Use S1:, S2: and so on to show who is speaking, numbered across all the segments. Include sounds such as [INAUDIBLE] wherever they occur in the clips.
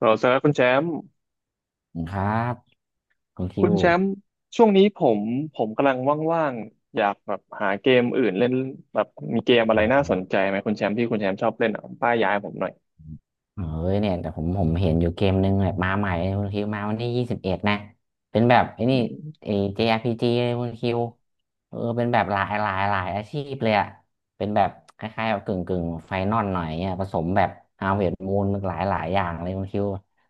S1: เราสำหรับคุณแชมป์
S2: ขอบคุณครับคุณคิ
S1: คุณ
S2: ว
S1: แชมป์ช่วงนี้ผมกำลังว่างๆอยากแบบหาเกมอื่นเล่นแบบมีเกมอะ
S2: อ
S1: ไรน่าส
S2: ืม
S1: นใจไหมคุณแชมป์ที่คุณแชมป์ชอบเล่นอ่ะป้ายยายผมหน่อย
S2: เออเนี่ยแต่ผมเห็นอยู่เกมนึงแบบมาใหม่เลยคุณคิวมาวันที่21นะเป็นแบบไอ้
S1: อื
S2: นี่
S1: ม
S2: ไอ้ JRPG เลยคุณคิวเออเป็นแบบหลายอาชีพเลยอะเป็นแบบคล้ายๆแบบกึ่งไฟนอลหน่อยเนี่ยผสมแบบฮาเวิร์ดมูนหลายอย่างเลยคุณคิว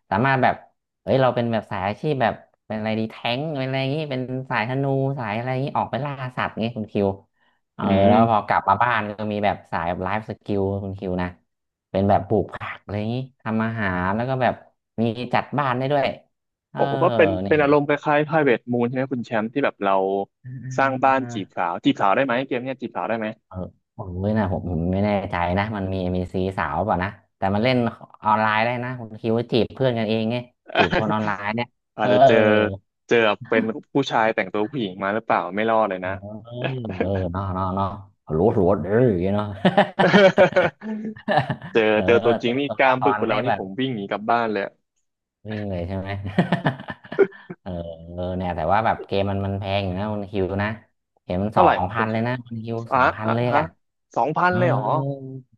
S2: สามารถแบบเอ้ยเราเป็นแบบสายอาชีพแบบเป็นอะไรดีแท้งเป็นอะไรอย่างงี้เป็นสายธนูสายอะไรอย่างงี้ออกไปล่าสัตว์งี้คุณคิวเออ
S1: อื
S2: แล้วพอ
S1: ม
S2: กลับมาบ้านก็มีแบบสายแบบไลฟ์สกิลคุณคิวนะ เป็นแบบปลูกผักอะไรอย่างนี้ทำอาหารแล้วก็แบบมีจัดบ้านได้ด้วยเอ
S1: โอ้
S2: อ
S1: ก็เป็น
S2: นี่
S1: เป็นอารมณ์คล้ายๆ Private Moon ใช่ไหมคุณแชมป์ที่แบบเราสร้างบ้าน
S2: อ่า
S1: จีบ
S2: อ่า
S1: สาวจีบสาวได้ไหมเกมเนี้ยจีบสาวได้ไหม
S2: เออผมด้วยนะผมไม่แน่ใจนะมันมีซีสาวเปล่ะนะแต่มันเล่นออนไลน์ได้นะคุณคิดว่าจีบเพื่อนกันเองไงจีบคนออนไลน์เนี่ย
S1: [LAUGHS] อา
S2: เอ
S1: จ
S2: อ
S1: จะ
S2: เอ
S1: เจ
S2: อ
S1: อเจอเป็นผู้ชายแต่งตัวผู้หญิงมาหรือเปล่าไม่รอดเลยนะ
S2: เออเนาะเนาะเนาะหลวดหลวดเอออย่างเงี้ยเนาะ
S1: [LAUGHS] เจอ
S2: [LAUGHS] เออ
S1: เจอตัวจริ
S2: ตั
S1: ง
S2: ว
S1: นี่
S2: ตัว
S1: กล้า
S2: ละ
S1: ม
S2: ค
S1: บึก
S2: ร
S1: กว่า
S2: ได้
S1: เรานี่
S2: แบ
S1: ผ
S2: บ
S1: มวิ่งหนีกลับบ้านเลย
S2: วิ่งเลยใช่ไหม [LAUGHS] เออ [LAUGHS] เออเนี่ยแต่ว่าแบบเกมมันแพงอยู่นะคุณคิวนะเห็นมันส
S1: เท่า
S2: อ
S1: ไหร่
S2: ง
S1: ครับคุ
S2: พั
S1: ณ
S2: น
S1: แช
S2: เลย
S1: มป์
S2: นะคุณคิว
S1: อ่ะ
S2: สองพัน
S1: อ่ะ
S2: เลย
S1: ฮะ
S2: อ่ะ
S1: สองพัน
S2: เออ
S1: เลยเหรอ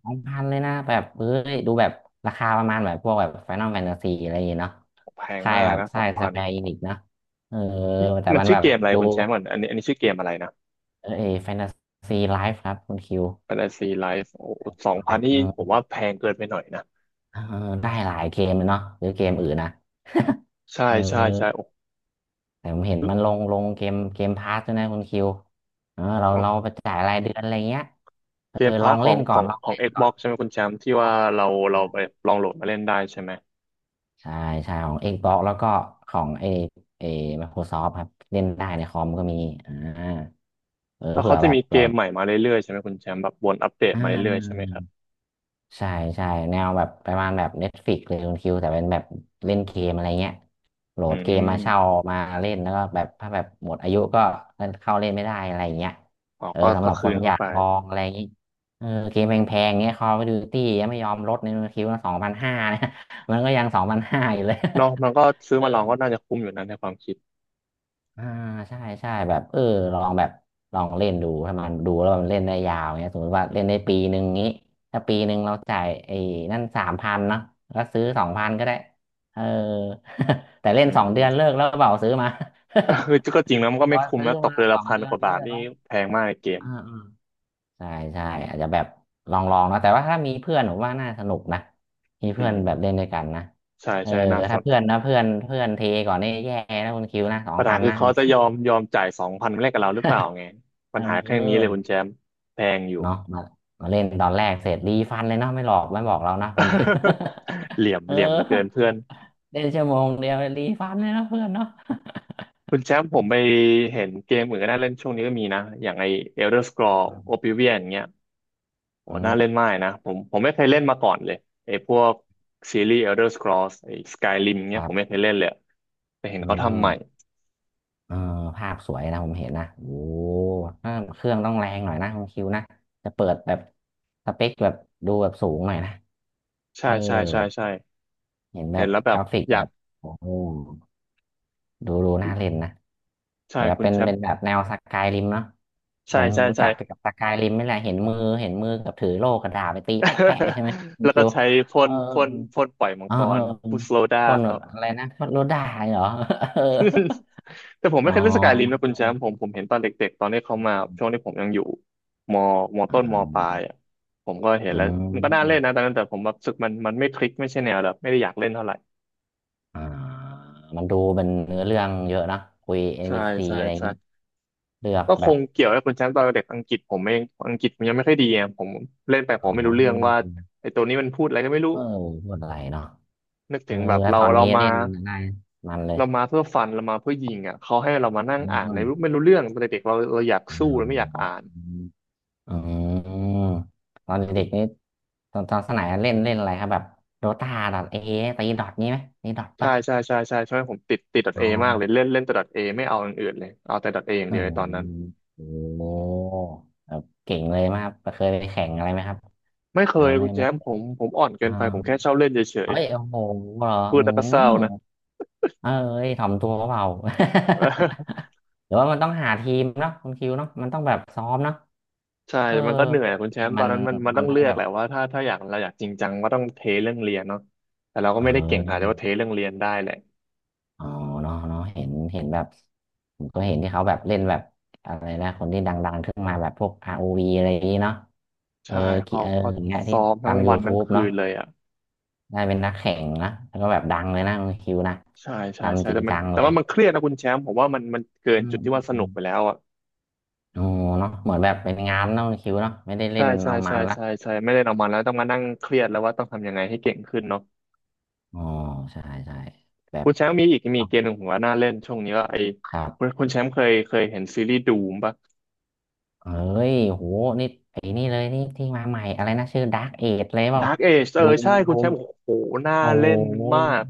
S2: สองพันเลยนะแบบเอ้ยดูแบบราคาประมาณแบบพวกแบบ Final Fantasy อะไรอย่างเงี้ยเนาะ
S1: แพง
S2: ค่าย
S1: มาก
S2: แบบ
S1: นะส
S2: ค่า
S1: อง
S2: ยส
S1: พัน
S2: แควร์อินิกเนาะเออแต่
S1: มัน
S2: มัน
S1: ชื่
S2: แบ
S1: อ
S2: บ
S1: เกมอะไร
S2: ดู
S1: คุณแชมป์ก่อนอันนี้ชื่อเกมอะไรนะ
S2: เออแฟนตาซีไลฟ์ครับคุณคิว
S1: Fantasy Life โอ้สอง
S2: ไล
S1: พัน
S2: ฟ์เอ
S1: ที่ผม
S2: อ
S1: ว่าแพงเกินไปหน่อยนะ
S2: เออได้หลายเกมเลยเนาะหรือเกมอื่นนะ
S1: ใช่
S2: เอ
S1: ใช่
S2: อ
S1: ใช่โอ้
S2: แต่ผมเห็นมันลงเกมพาสด้วยนะคุณคิวเออเรา
S1: อ๋อ
S2: เราไปจ่ายรายเดือนอะไรเงี้ยเออ
S1: เกม
S2: ล
S1: พา
S2: อ
S1: ร์ท
S2: ง
S1: ข
S2: เล่
S1: อง
S2: นก่
S1: ข
S2: อ
S1: อ
S2: น
S1: ง
S2: ลอง
S1: ของ
S2: เล่นก่อน
S1: Xbox ใช่ไหมคุณแชมป์ที่
S2: เพราะ
S1: ว่าเรา
S2: อ
S1: เราไปลองโหลดมาเล่นได้ใช่ไหม
S2: ใช่ใช่ของ Xbox แล้วก็ของไอไอ Microsoft ครับเล่นได้ในคอมก็มีอ่าเออ
S1: แล้ว
S2: เผื่
S1: เขา
S2: อ
S1: จะ
S2: แบบ
S1: มีเก
S2: เรา
S1: มใหม่มาเรื่อยๆใช่ไหมคุณแชมป์แบบวนอัปเดต
S2: อ่
S1: มาเรื่อยๆใช่ไหมครับ
S2: า ใช่ใช่แนวแบบประมาณแบบ Netflix เลยคุณคิวแต่เป็นแบบเล่นเกมอะไรเงี้ยโหล
S1: อื
S2: ดเกมมาเช่า
S1: ม
S2: มาเล่นแล้วก็แบบถ้าแบบหมดอายุก็เล่นเข้าเล่นไม่ได้อะไรเงี้ย
S1: อ๋อ
S2: เออ
S1: ก็
S2: สำห
S1: ก็
S2: รับค
S1: คื
S2: น
S1: น
S2: อ
S1: เข้า
S2: ยาก
S1: ไป
S2: ลองอะไรอย่างงี้เออเกมแพงๆเงี้ย Call of Duty ยังไม่ยอมลดในคุณคิวสองพันห้านะ [LAUGHS] มันก็ยัง2,500อยู่เลย
S1: เนาะมันก็ซื้อ
S2: [LAUGHS] เออ
S1: มาลองก็น่าจะคุ้มอยู่นั้นในความคิด
S2: อ่าใช่ใช่แบบเออลองแบบลองเล่นดูถ้ามันดูแล้วมันเล่นได้ยาวเนี่ยสมมติว่าเล่นได้ปีหนึ่งงี้ถ้าปีหนึ่งเราจ่ายไอ้นั่น3,000เนาะแล้วซื้อสองพันก็ได้เออ [LAUGHS] แต่เล่น
S1: อื
S2: 2 เดือน
S1: ม
S2: เลิกแล้วเปล่าซื้อมา
S1: เออก็จริงนะมันก็
S2: [LAUGHS] พ
S1: ไม่
S2: อ
S1: คุ้ม
S2: ซื้อ
S1: นะตก
S2: มา
S1: เดือน
S2: ส
S1: ละ
S2: อง
S1: พัน
S2: เดือ
S1: ก
S2: น
S1: ว่าบา
S2: เลิ
S1: ท
S2: ก
S1: นี่
S2: แล้ว
S1: แพงมากในเกม
S2: อ่าอ่าใช่ใช่อาจจะแบบลองลองนะแต่ว่าถ้ามีเพื่อนผมว่าน่าสนุกนะมี
S1: อื
S2: เพื่อนแบ
S1: ม
S2: บเล่นด้วยกันนะ
S1: ใช่
S2: เออ
S1: ใช่น่าส
S2: ถ้า
S1: น
S2: เพื่อนนะเพื่อนเพื่อนเทก่อนนี่แย่นะคุณคิวนะสอง
S1: ปัญ
S2: พั
S1: หา
S2: น
S1: คือ
S2: นะ [LAUGHS] คุ
S1: เขา
S2: ณ
S1: จะ
S2: คิ
S1: ย
S2: ว
S1: อมยอมจ่ายสองพันแรกกับเราหรือเปล่าไงปั
S2: เอ
S1: ญหาแค่นี้เลย
S2: อ
S1: คุณแชมป์แพงอยู่
S2: เนาะมามาเล่นตอนแรกเสร็จรีฟันเลยเนาะไม่หลอกไม่บอกเรานะคุณพิม
S1: [LAUGHS] เหลี่ยม
S2: [LAUGHS] เออ
S1: เหลี่ยมเหลือเกินเพื่อน
S2: เล่นชั่วโมงเดียวรีฟันเลยเนาะเพื่อนเนาะ
S1: คุณแชมป์ผมไปเห็นเกมอื่นก็น่าเล่นช่วงนี้ก็มีนะอย่างไอ Elder Scrolls
S2: [LAUGHS]
S1: Oblivion อย่างเงี้ยโห
S2: อื
S1: น่าเล่น
S2: ม
S1: มากนะผมไม่เคยเล่นมาก่อนเลยไอพวกซีรีส์ Elder Scrolls ไอ Skyrim
S2: ค
S1: เงี้ย
S2: รั
S1: ผมไม่
S2: บ
S1: เคยเล่นเลยแต่เห็น
S2: อื
S1: เขาทำ
S2: ม
S1: ใหม่
S2: เออภาพสวยนะผมเห็นนะโอ้ถ้าเครื่องต้องแรงหน่อยนะคุณคิวนะจะเปิดแบบสเปคแบบดูแบบสูงหน่อยนะเอ
S1: ใช่
S2: อ
S1: ใช่ใช่ใช่
S2: เห็นแบ
S1: เห็น
S2: บ
S1: แล้วแบ
S2: ก
S1: บ
S2: ราฟิก
S1: อ
S2: แบ
S1: ยาก
S2: บโอ้โห ดูดูน่าเล่นนะ
S1: ใช่
S2: เห็นแบบ
S1: คุณ
S2: เป็น
S1: แชม
S2: เป็น
S1: ป์
S2: แบบแนวสกายริมเนาะผ
S1: ใช่
S2: ม
S1: ใช่
S2: รู้
S1: ใช่
S2: จักไปกับสกายริมนี่แหละเห็นมือกับถือโล่กระดาษไปตีแปะแปะใช่ไหม
S1: [LAUGHS]
S2: มี
S1: แล้ว
S2: คิ
S1: ก็
S2: ว
S1: ใช้พ่
S2: เออ
S1: นพ่นพ่นปล่อยมัง
S2: เออ
S1: ก
S2: เออ
S1: ร
S2: เออ
S1: พุสโลดา
S2: คน
S1: ค
S2: แบ
S1: รั
S2: บ
S1: บ
S2: อะไร
S1: [LAUGHS]
S2: นะคนรถด่าเหรอ [LAUGHS] เออ
S1: แต่ผม
S2: อ๋
S1: ไม่
S2: อ
S1: เคยเล่นสกายริมนะคุณ
S2: [LAUGHS] อ๋อ
S1: แชมป์ผมเห็นตอนเด็กๆตอนที่เขามา
S2: อื
S1: ช่วง
S2: ม
S1: ที่ผมยังอยู่มมต้นมปลายอ่ะผมก็เห็นแล้วมันก็น่าเล่นนะตอนนั้นแต่ผมแบบรู้สึกมันไม่คลิกไม่ใช่แนวแบบไม่ได้อยากเล่นเท่าไหร่
S2: อ่ามันดูเป็นเนื้อเรื่องเยอะนะคุยเอ็น
S1: ใช่
S2: พีซี
S1: ใช่
S2: อะไรอย่างนี้
S1: ใช่
S2: เลือก
S1: ก็ค
S2: แบบ
S1: งเกี่ยวกับคุณแชมป์ตอนเด็กอังกฤษผมเองอังกฤษผมยังไม่ค่อยดีอ่ะผมเล่นไปผ
S2: อ๋
S1: ม
S2: อ
S1: ไม่รู้เรื่องว่าไอ้ตัวนี้มันพูดอะไรก็ไม่รู้
S2: เออพูดอะไรเนาะ
S1: นึก
S2: เอ
S1: ถึ
S2: อ
S1: งแบบ
S2: แล้ว
S1: เรา
S2: ตอน
S1: เรา
S2: นี้
S1: มา
S2: เล่นอะไรมันเลย
S1: เรามาเพื่อฟันเรามาเพื่อยิงอ่ะเขาให้เรามานั่ง
S2: อื
S1: อ่านใน
S2: ม
S1: รู้ไม่รู้เรื่องตอนเด็กๆเราอยากสู้เราไม่อยาก
S2: อ๋อ
S1: อ่าน
S2: อืมตอนเด็กๆนี่ตอนตอนสมัยเล่นเล่นอะไรครับแบบโดตาดอทเอตีดอทนี้ไหมตีดอท
S1: ใช่
S2: ปะ
S1: ใช่ใช่ใช่ใช่ผมติดดอท
S2: อ๋
S1: เอ
S2: อ
S1: มากเลยเล่นเล่นแต่ดอทเอไม่เอาอย่างอื่นเลยเอาแต่ดอทเออย่าง
S2: โอ
S1: เดียวใน
S2: โห
S1: ตอนนั้น
S2: โอ้โหแบบเก่งเลยไหมครับเคยไปแข่งอะไรไหมครับ
S1: ไม่เค
S2: หรือ
S1: ย
S2: ว่าไม่
S1: คุณแช
S2: ไม่
S1: มป์ผมอ่อนเกิ
S2: อ่า
S1: นไปผมแค่ชอบเล่นเฉย
S2: เฮ้ยโอ้โหเหรอ
S1: ๆพูด
S2: อื
S1: แล้วก็เศร้า
S2: ม
S1: นะ
S2: เอ้ยถ่อมตัวเปล่า [LAUGHS] หรือว่ามันต้องหาทีมเนาะคุณคิวเนาะมันต้องแบบซ้อมเนาะ
S1: [LAUGHS] ใช่
S2: เออ
S1: มันก็เหนื่อยคุณ
S2: เก
S1: แช
S2: ม
S1: มป์ตอ
S2: มั
S1: น
S2: น
S1: นั้นมัน
S2: มั
S1: ต้อ
S2: น
S1: ง
S2: ต้อ
S1: เลื
S2: ง
S1: อก
S2: แบบ
S1: แหละว่าถ้าอยากเราอยากจริงจังก็ต้องเทเรื่องเรียนเนาะแต่เราก็
S2: เ
S1: ไม่ได้เก่งขนาดที่
S2: ออ
S1: ว่าเทเรื่องเรียนได้แหละ
S2: อ๋อเนาะเนาะเห็นแบบผมก็เห็นที่เขาแบบเล่นแบบอะไรนะคนที่ดังๆขึ้นมาแบบพวก r วีอะไรอย่างนี้เนาะเออ
S1: ใช่
S2: กี่
S1: เขา
S2: เออ
S1: เขา
S2: อย่างเงี้ยที่
S1: ซ้อมทั้
S2: ตา
S1: ง
S2: ม
S1: วันทั้ง
S2: YouTube
S1: คื
S2: เนาะ
S1: นเลยอ่ะ
S2: ได้เป็นนักแข่งนะแล้วก็แบบดังเลยนะคุณคิวนะ
S1: ใช่ใช่ใช่
S2: ทำจริง
S1: แต่มัน
S2: จัง
S1: แต่
S2: เลย
S1: ว่ามันเครียดนะคุณแชมป์ผมว่ามันเกิน
S2: อื
S1: จุดที่ว่าสนุ
S2: ม
S1: กไปแล้วอ่ะ
S2: อ๋อเนาะเหมือนแบบเป็นงานเนาะคิวเนาะไม่ได้เล่
S1: ใช่
S2: น
S1: ใช่
S2: เอามั
S1: ใช่
S2: นละ
S1: ใช่ใช่ไม่ได้นอกมางวัลแล้วต้องมานั่งเครียดแล้วว่าต้องทำยังไงให้เก่งขึ้นเนาะ
S2: อ๋อใช่ใช่แบบ
S1: คุณแชมป์มีอีกมีเกมหนึ่งผมว่าน่าเล่นช่วงนี้ก็ไอ้
S2: ครับ
S1: คุณแชมป์เคยเห็นซีรีส์ดูมปะ
S2: เอ้ยโหนี่ไอ้นี่เลยนี่ที่มาใหม่อะไรนะชื่อดาร์กเอจเลยเปล่า
S1: Dark Age เออ
S2: ดูม
S1: ใช่คุ
S2: ดู
S1: ณแช
S2: ม
S1: มป์โอ้โหน่า
S2: โอ้โ
S1: เล่นมา
S2: ห
S1: ก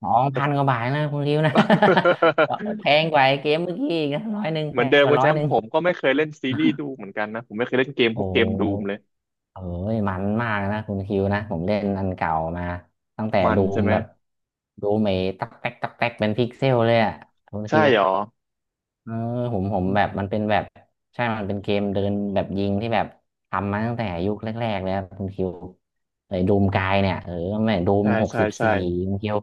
S2: สองพันกว่าบาทนะคุณคิวนะ [LAUGHS] แพงกว่าไอ้เกมเมื่อกี้อีกนะร้อยหนึ่ง
S1: [LAUGHS] เห
S2: แพ
S1: มือน
S2: ง
S1: เดิม
S2: กว่า
S1: คุณ
S2: ร้
S1: แช
S2: อย
S1: ม
S2: ห
S1: ป์
S2: นึ่ง
S1: ผมก็ไม่เคยเล่นซีรีส์ดูเหมือนกันนะผมไม่เคยเล่นเกม
S2: โอ
S1: พวกเกมดูมเล
S2: ้
S1: ย
S2: เอ้ยมันมากนะคุณคิวนะผมเล่นอันเก่ามาตั้งแต่
S1: มัน
S2: ดู
S1: ใช่
S2: ม
S1: ไหม
S2: แบบดูเมตักแตกตักแตกเป็นพิกเซลเลยอ่ะคุณ
S1: ใช่
S2: คิว
S1: หรอ
S2: เออผมแบบมันเป็นแบบใช่มันเป็นเกมเดินแบบยิงที่แบบทำมาตั้งแต่ยุคแรกๆเลยครับคุณคิวเลย
S1: โอ้โห
S2: ดูมกายเนี่ยเออไม่ดูม
S1: ใช่
S2: หก
S1: ใช่
S2: สิบ
S1: ใช่
S2: สี่คุณคิว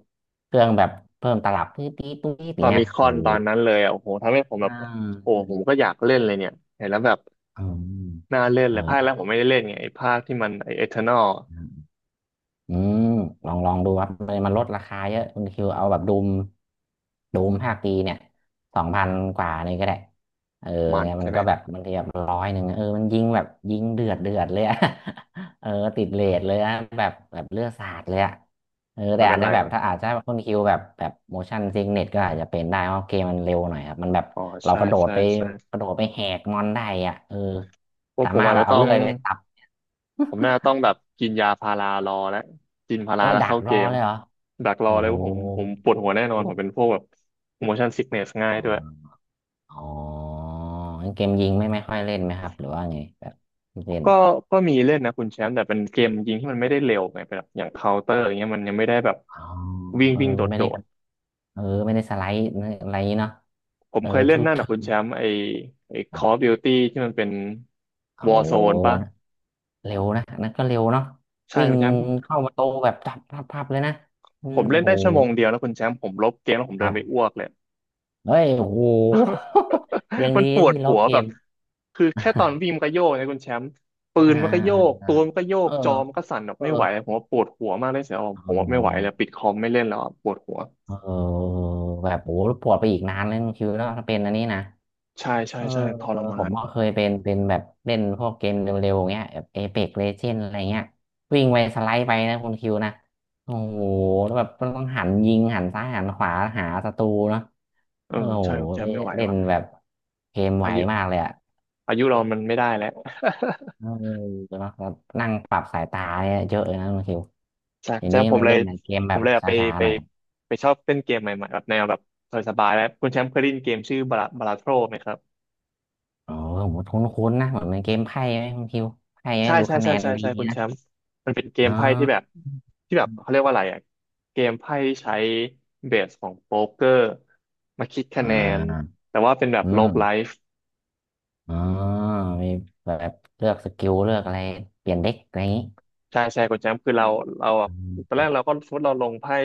S2: เครื่องแบบเพิ่มตลับตื้อตีตุ้ยอย่า
S1: ฟา
S2: งเงี้ย
S1: มิคอ
S2: โอ้
S1: นต
S2: โห
S1: อนนั้นเลยอ่ะโอ้โหทำให้ผมแบ
S2: อ่
S1: บโอ้
S2: า
S1: ผมก็อยากเล่นเลยเนี่ยเห็นแล้วแบบ
S2: อืม
S1: น่าเล่นเลยภาคแร
S2: เอ
S1: กผมไม่ได้เล่นไงไอ้ภาคที่มันไอ้เอเทอร์นอล
S2: อ อืมลองลองดูครับมันลดราคาเยอะคุณคิวเอาแบบดูมดูมภาคปีเนี่ยสองพันกว่านี่ก็ได้เออ
S1: มัน
S2: เนี่ยมั
S1: ใช่
S2: น
S1: ไหม
S2: ก็แบบบางทีแบบร้อยหนึ่งเออมันยิงแบบยิงเดือดเดือดเลยอะ [LAUGHS] เออติดเรทเลยอะแบบแบบเลือดสาดเลยอะเออ
S1: มั
S2: แต่
S1: นเป็
S2: อา
S1: น
S2: จจะ
S1: ไร
S2: แบบถ้าอาจจะคุณคิวแบบแบบ motion sickness ก็อาจจะเป็นได้เพราะเกมมันเร็วหน่อยครับมันแบบ
S1: อ๋อ
S2: เรา
S1: ใช่
S2: กระโดด
S1: ใช่
S2: ไป
S1: ใช่
S2: กระโดดไปแหกมอนได้อ่ะเออ
S1: ว่า
S2: สา
S1: ผม
S2: มารถ
S1: อาจ
S2: แบ
S1: จะ
S2: บเอา
S1: ต้อง
S2: เลื่อยไปตับ
S1: ผมน่าจะต้องแบบกินยาพารารอแล้วกินพารา
S2: โอ้ย
S1: แล้ว
S2: ดัก
S1: เข้า
S2: ร
S1: เก
S2: อ
S1: ม
S2: เลยเหรอ
S1: ดักรอ
S2: โอ้
S1: เลยว่าผม
S2: โ
S1: ปวดหัวแน่นอนผม
S2: ห
S1: เป็นพวกแบบ motion sickness ง่าย
S2: อ๋
S1: ด้วย
S2: ออ๋องั้นเกมยิงไม่ค่อยเล่นไหมครับหรือว่าไงแบบเล่น
S1: ก็ก็มีเล่นนะคุณแชมป์แต่เป็นเกมยิงที่มันไม่ได้เร็วไงปแบบอย่างเคาน์เตอร์อย่างเงี้ยมันยังไม่ได้แบบ
S2: อ๋อ
S1: วิ่ง
S2: เออ
S1: วิ่งโด
S2: ไม่ได้ก
S1: ด
S2: ระ
S1: ๆ
S2: เออไม่ได้สไลด์อะไรเนาะ
S1: ผม
S2: เออ
S1: เคยเล่
S2: ทู
S1: นนั่น
S2: เทิ
S1: นะ
S2: ร์
S1: คุณ
S2: น
S1: แช
S2: นะ
S1: มป์ไอ
S2: ครั
S1: Call of
S2: บ
S1: Duty ที่มันเป็น
S2: เอา
S1: Warzone ป่ะ
S2: นะเร็วนะอันนั่นก็เร็วเนาะ
S1: ใช่
S2: วิ่ง
S1: คุณแชมป์
S2: เข้าประตูแบบจับพับพับเลยนะอื
S1: ผ
S2: ม
S1: มเล่
S2: โอ้
S1: น
S2: โห
S1: ได้ชั่วโมงเดียวแล้วคุณแชมป์ผมลบเกมแล้วผม
S2: ค
S1: เดิ
S2: รั
S1: นไปอ้
S2: บ
S1: วกเลย
S2: เฮ้ยโอ้โห
S1: [LAUGHS]
S2: [LAUGHS] ยัง
S1: มั
S2: ดี
S1: นปวด
S2: ที่ล
S1: หั
S2: บ
S1: ว
S2: เก
S1: แบบ
S2: ม
S1: คือแค่ต
S2: [LAUGHS]
S1: อนวิ่งมันก็โยกนะคุณแชมป์ปื
S2: อ่า
S1: นมันก็โยก
S2: อ่า
S1: ตัวมันก็โยก
S2: อ่า
S1: จอมันก็สั่นแบบ
S2: เออเออ
S1: ไม่ไหวผมว่าปวดหัวมากเลยเสีย
S2: อ๋
S1: ผมว่าไม่ไหวแล้ว
S2: อ
S1: ปิดคอมไม่เล่นแล้วอะปวดหัว
S2: เออแบบโอ้ปวดไปอีกนานเลยคุณคิวเนาะถ้าเป็นอันนี้นะ
S1: ใช่ใช่
S2: เออ
S1: ใช่ทรมา
S2: ผม
S1: น
S2: ก็เคยเป็นแบบเล่นพวกเกมเร็วๆเงี้ยแบบเอเพ็กเลเจนอะไรเงี้ยวิ่งไปสไลด์ไปนะคุณคิวนะโอ้โหแล้วแบบมันต้องหันยิงหันซ้ายหันขวาหาศัตรูเนาะ
S1: เออ
S2: โอ้โห
S1: ใช่คุณแชมป์ไม่ไหว
S2: เล่น
S1: ว่ะ
S2: แบบเกมไว
S1: อา
S2: มา
S1: ยุ
S2: กเลยอะ
S1: อายุเรามันไม่ได้แล้ว [LAUGHS]
S2: เออเนาะแล้วนั่งปรับสายตาเนี่ยเยอะเลยนะคุณคิว
S1: จาก
S2: ที
S1: จา
S2: นี้
S1: ผม
S2: มา
S1: เล
S2: เล่
S1: ย
S2: นเกม
S1: ผ
S2: แบ
S1: ม
S2: บ
S1: เลยแบ
S2: ช
S1: บไป
S2: ้าๆ
S1: ไป
S2: หน่อย
S1: ไปชอบเล่นเกมใหม่ๆแบบแนวแบบสบายๆแล้วคุณแชมป์เคยได้ยินเกมชื่อบาราบาราโทรไหมครับ
S2: อ๋อโหมดคุ้นๆนะเหมือนในเกมไพ่ไหมคุณคิวไพ่ไหม
S1: ใช่
S2: ดู
S1: ใช่
S2: คะแน
S1: ใช่
S2: น
S1: ใช่
S2: ดี
S1: ใช่คุณแช
S2: นะ
S1: มป์มันเป็นเกม
S2: อ๋อ
S1: ไพ่ที่แบบที่แบบเขาเรียกว่าอะไรอ่ะเกมไพ่ที่ใช้เบสของโป๊กเกอร์มาคิดคะ
S2: อ่
S1: แนน
S2: า
S1: แต่ว่าเป็นแบบ
S2: อื
S1: โลก
S2: ม
S1: ไลฟ์
S2: อ๋อมีแบบเลือกสกิลเลือกอะไรเปลี่ยนเด็กอะไรอย่างนี้
S1: ใช่ใช่คุณแชมป์คือเราเราอะ
S2: อื
S1: ตอนแร
S2: ม
S1: กเราก็สมมติเราลงไพ่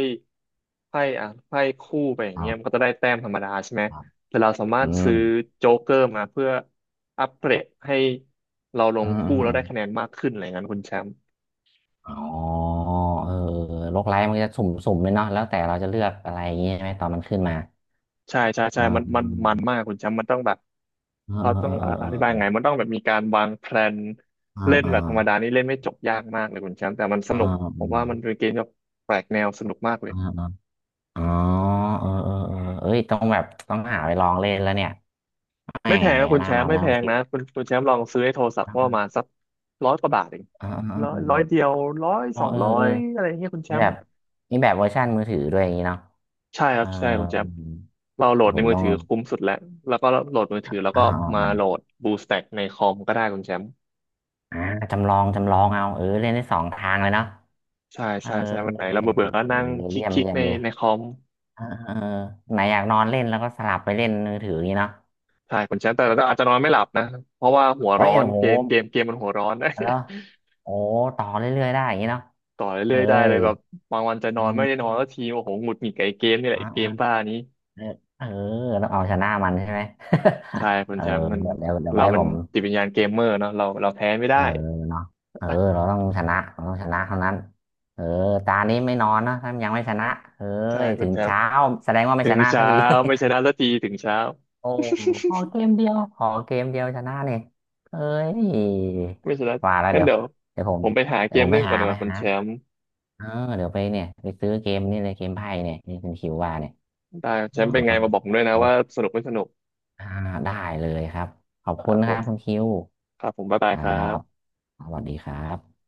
S1: ไพ่อ่ะไพ่คู่ไปอย่า
S2: ค
S1: ง
S2: รั
S1: เงี้ยมัน
S2: บ
S1: ก็จะได้แต้มธรรมดาใช่ไหม
S2: ครับ
S1: แต่เราสามาร
S2: อื
S1: ถซื้
S2: ม
S1: อโจ๊กเกอร์มาเพื่ออัปเกรดให้เราล
S2: อื
S1: ง
S2: มอื
S1: คู่
S2: มอ
S1: แล้ว
S2: ม
S1: ได้คะแนนมากขึ้นอะไรเงี้ยคุณแชมป์
S2: อ๋อเออโลกไลท์มันจะสุ่มสุ่มเลยเนาะแล้วแต่เราจะเลือกอะไรอย่างนี้ใช่ไหมตอนมันขึ้นมา
S1: ใช่ใช่ใช่
S2: อ่า
S1: มันมากคุณแชมป์มันต้องแบบ
S2: เออ
S1: เขาต้อ
S2: เอ
S1: ง
S2: อเอ
S1: อ่ะ
S2: อ
S1: อ
S2: เออ
S1: ธิบายไงมันต้องแบบมีการวางแพลน
S2: เอ
S1: เล่น
S2: อ่า
S1: แบบธรรมดานี่เล่นไม่จบยากมากเลยคุณแชมป์แต่มันส
S2: อ่
S1: นุกผมว่า
S2: า
S1: มันเป็นเกมที่แบบแปลกแนวสนุกมากเลย
S2: อ่าอ่า อ๋อเออเออเออ เอ้ยต้องแบบต้องหาไปลองเล่นแล้วเนี่ยแหม
S1: ไม่แพงนะคุ
S2: ห
S1: ณ
S2: น้า
S1: แช
S2: มั
S1: มป์
S2: น
S1: ไม่
S2: นะ
S1: แพ
S2: ค
S1: ง
S2: คิด
S1: นะคุณแชมป์ลองซื้อไอ้โทรศัพ
S2: เอ
S1: ท์ก็ป
S2: ม
S1: ระมาณสักร้อยกว่าบาทเอง
S2: อเออเออ
S1: ร้อย
S2: เอ
S1: ร้อ
S2: อ
S1: ยเดียวร้อย
S2: อ๋อ
S1: สอง
S2: เออ
S1: ร้อ
S2: เออ
S1: ยอะไรอย่างเงี้ยคุณแช
S2: นี่
S1: ม
S2: แบ
S1: ป์
S2: บนี่แบบเวอร์ชันมือถือด้วยอย่างนี้เนาะ
S1: ใช่ค
S2: เอ
S1: รั
S2: อ
S1: บใช่คุณแชมป์เราโหล
S2: เดี๋
S1: ด
S2: ยว
S1: ใน
S2: ผม
S1: มือ
S2: ต้อง
S1: ถือคุ้มสุดแล้วแล้วก็โหลดมือถือแล้ว
S2: อ๋ออ๋อ
S1: ก็มา
S2: อ๋
S1: โหล
S2: อ
S1: ด BlueStack ในคอมก็ได้คุณแชมป์
S2: อ่าจำลองจำลองเอาเออเล่นได้สองทางเลยเนาะ
S1: ใช่
S2: เออ
S1: ใช่ใช่วันไหนเราเบื่อเบื่อก็
S2: เออ
S1: นั่งคลิก
S2: เยี่ยม
S1: คลิก
S2: เยี่ยม
S1: ใน
S2: เลย
S1: ในคอม
S2: เออเออไหนอยากนอนเล่นแล้วก็สลับไปเล่นมือถืออย่างนี้เนาะ
S1: ใช่คุณแชมป์แต่เราอาจจะนอนไม่หลับนะเพราะว่าหัว
S2: เฮ้
S1: ร้อ
S2: ย
S1: น
S2: โอ้โห
S1: เกมมันหัวร้อนนะ
S2: แล้วโอ้โหต่อเรื่อยๆได้อย่างนี้เนาะ
S1: [LAUGHS] ต่อเรื่
S2: เอ้
S1: อยๆได้เล
S2: ย
S1: ยแบบบางวันจะน
S2: อื
S1: อนไม่ได้นอ
S2: ม
S1: นแล้วทีโอ้โหหงุดหงิดกับไอ้เกมนี่แหละไอ้เกมบ้านี้
S2: เออเออต้องเอาชนะมันใช่ไหม
S1: ใช่
S2: [LAUGHS]
S1: คุณ
S2: เออ
S1: แชมป์มัน
S2: เดี๋ยวเดี๋ยว
S1: เรา
S2: ไว้
S1: มั
S2: ผ
S1: น
S2: ม
S1: จิตวิญญาณเกมเมอร์เนาะเราแพ้ไม่
S2: เอ
S1: ได้
S2: อเนาะเออเราต้องชนะเราต้องชนะเท่านั้นเออตานี้ไม่นอนนะถ้ายังไม่ชนะเอ้
S1: ใช่
S2: ย
S1: คุ
S2: ถึ
S1: ณ
S2: ง
S1: แชมป์
S2: เช้าแสดงว่าไม่
S1: ถึ
S2: ช
S1: ง
S2: นะสั
S1: เช้า
S2: กที
S1: ไม่ชนะสักทีถึงเช้า
S2: [LAUGHS] โอ้ขอเกมเดียวขอเกมเดียวชนะเนี่ยเอ้ย
S1: [LAUGHS] ไม่ชนะ
S2: ว่าแล้ว
S1: งั้น
S2: เดี๋ยว
S1: เดี๋ยว
S2: เดี๋ยวผ
S1: ผ
S2: ม
S1: มไปหาเก
S2: เดี๋ยวผ
S1: ม
S2: มไป
S1: เล่นก่อ
S2: หา
S1: นดีก
S2: ไป
S1: ว่าคุณ
S2: หา
S1: แชมป์
S2: เออเดี๋ยวไปเนี่ยไปซื้อเกมนี่เลยเกมไพ่เนี่ยที่คุณคิวว่าเนี่ย
S1: ได้แช
S2: อ๋อ
S1: มป์เป็นไงมาบอกผมด้วยนะว่าสนุกไม่สนุก
S2: อ่าได้เลยครับขอบ
S1: ค
S2: คุ
S1: รั
S2: ณ
S1: บผ
S2: นะครั
S1: ม
S2: บคุณคิว
S1: ครับผมบ๊าย
S2: ค
S1: บายค
S2: รั
S1: รั
S2: บ
S1: บ
S2: สวัสดีครับ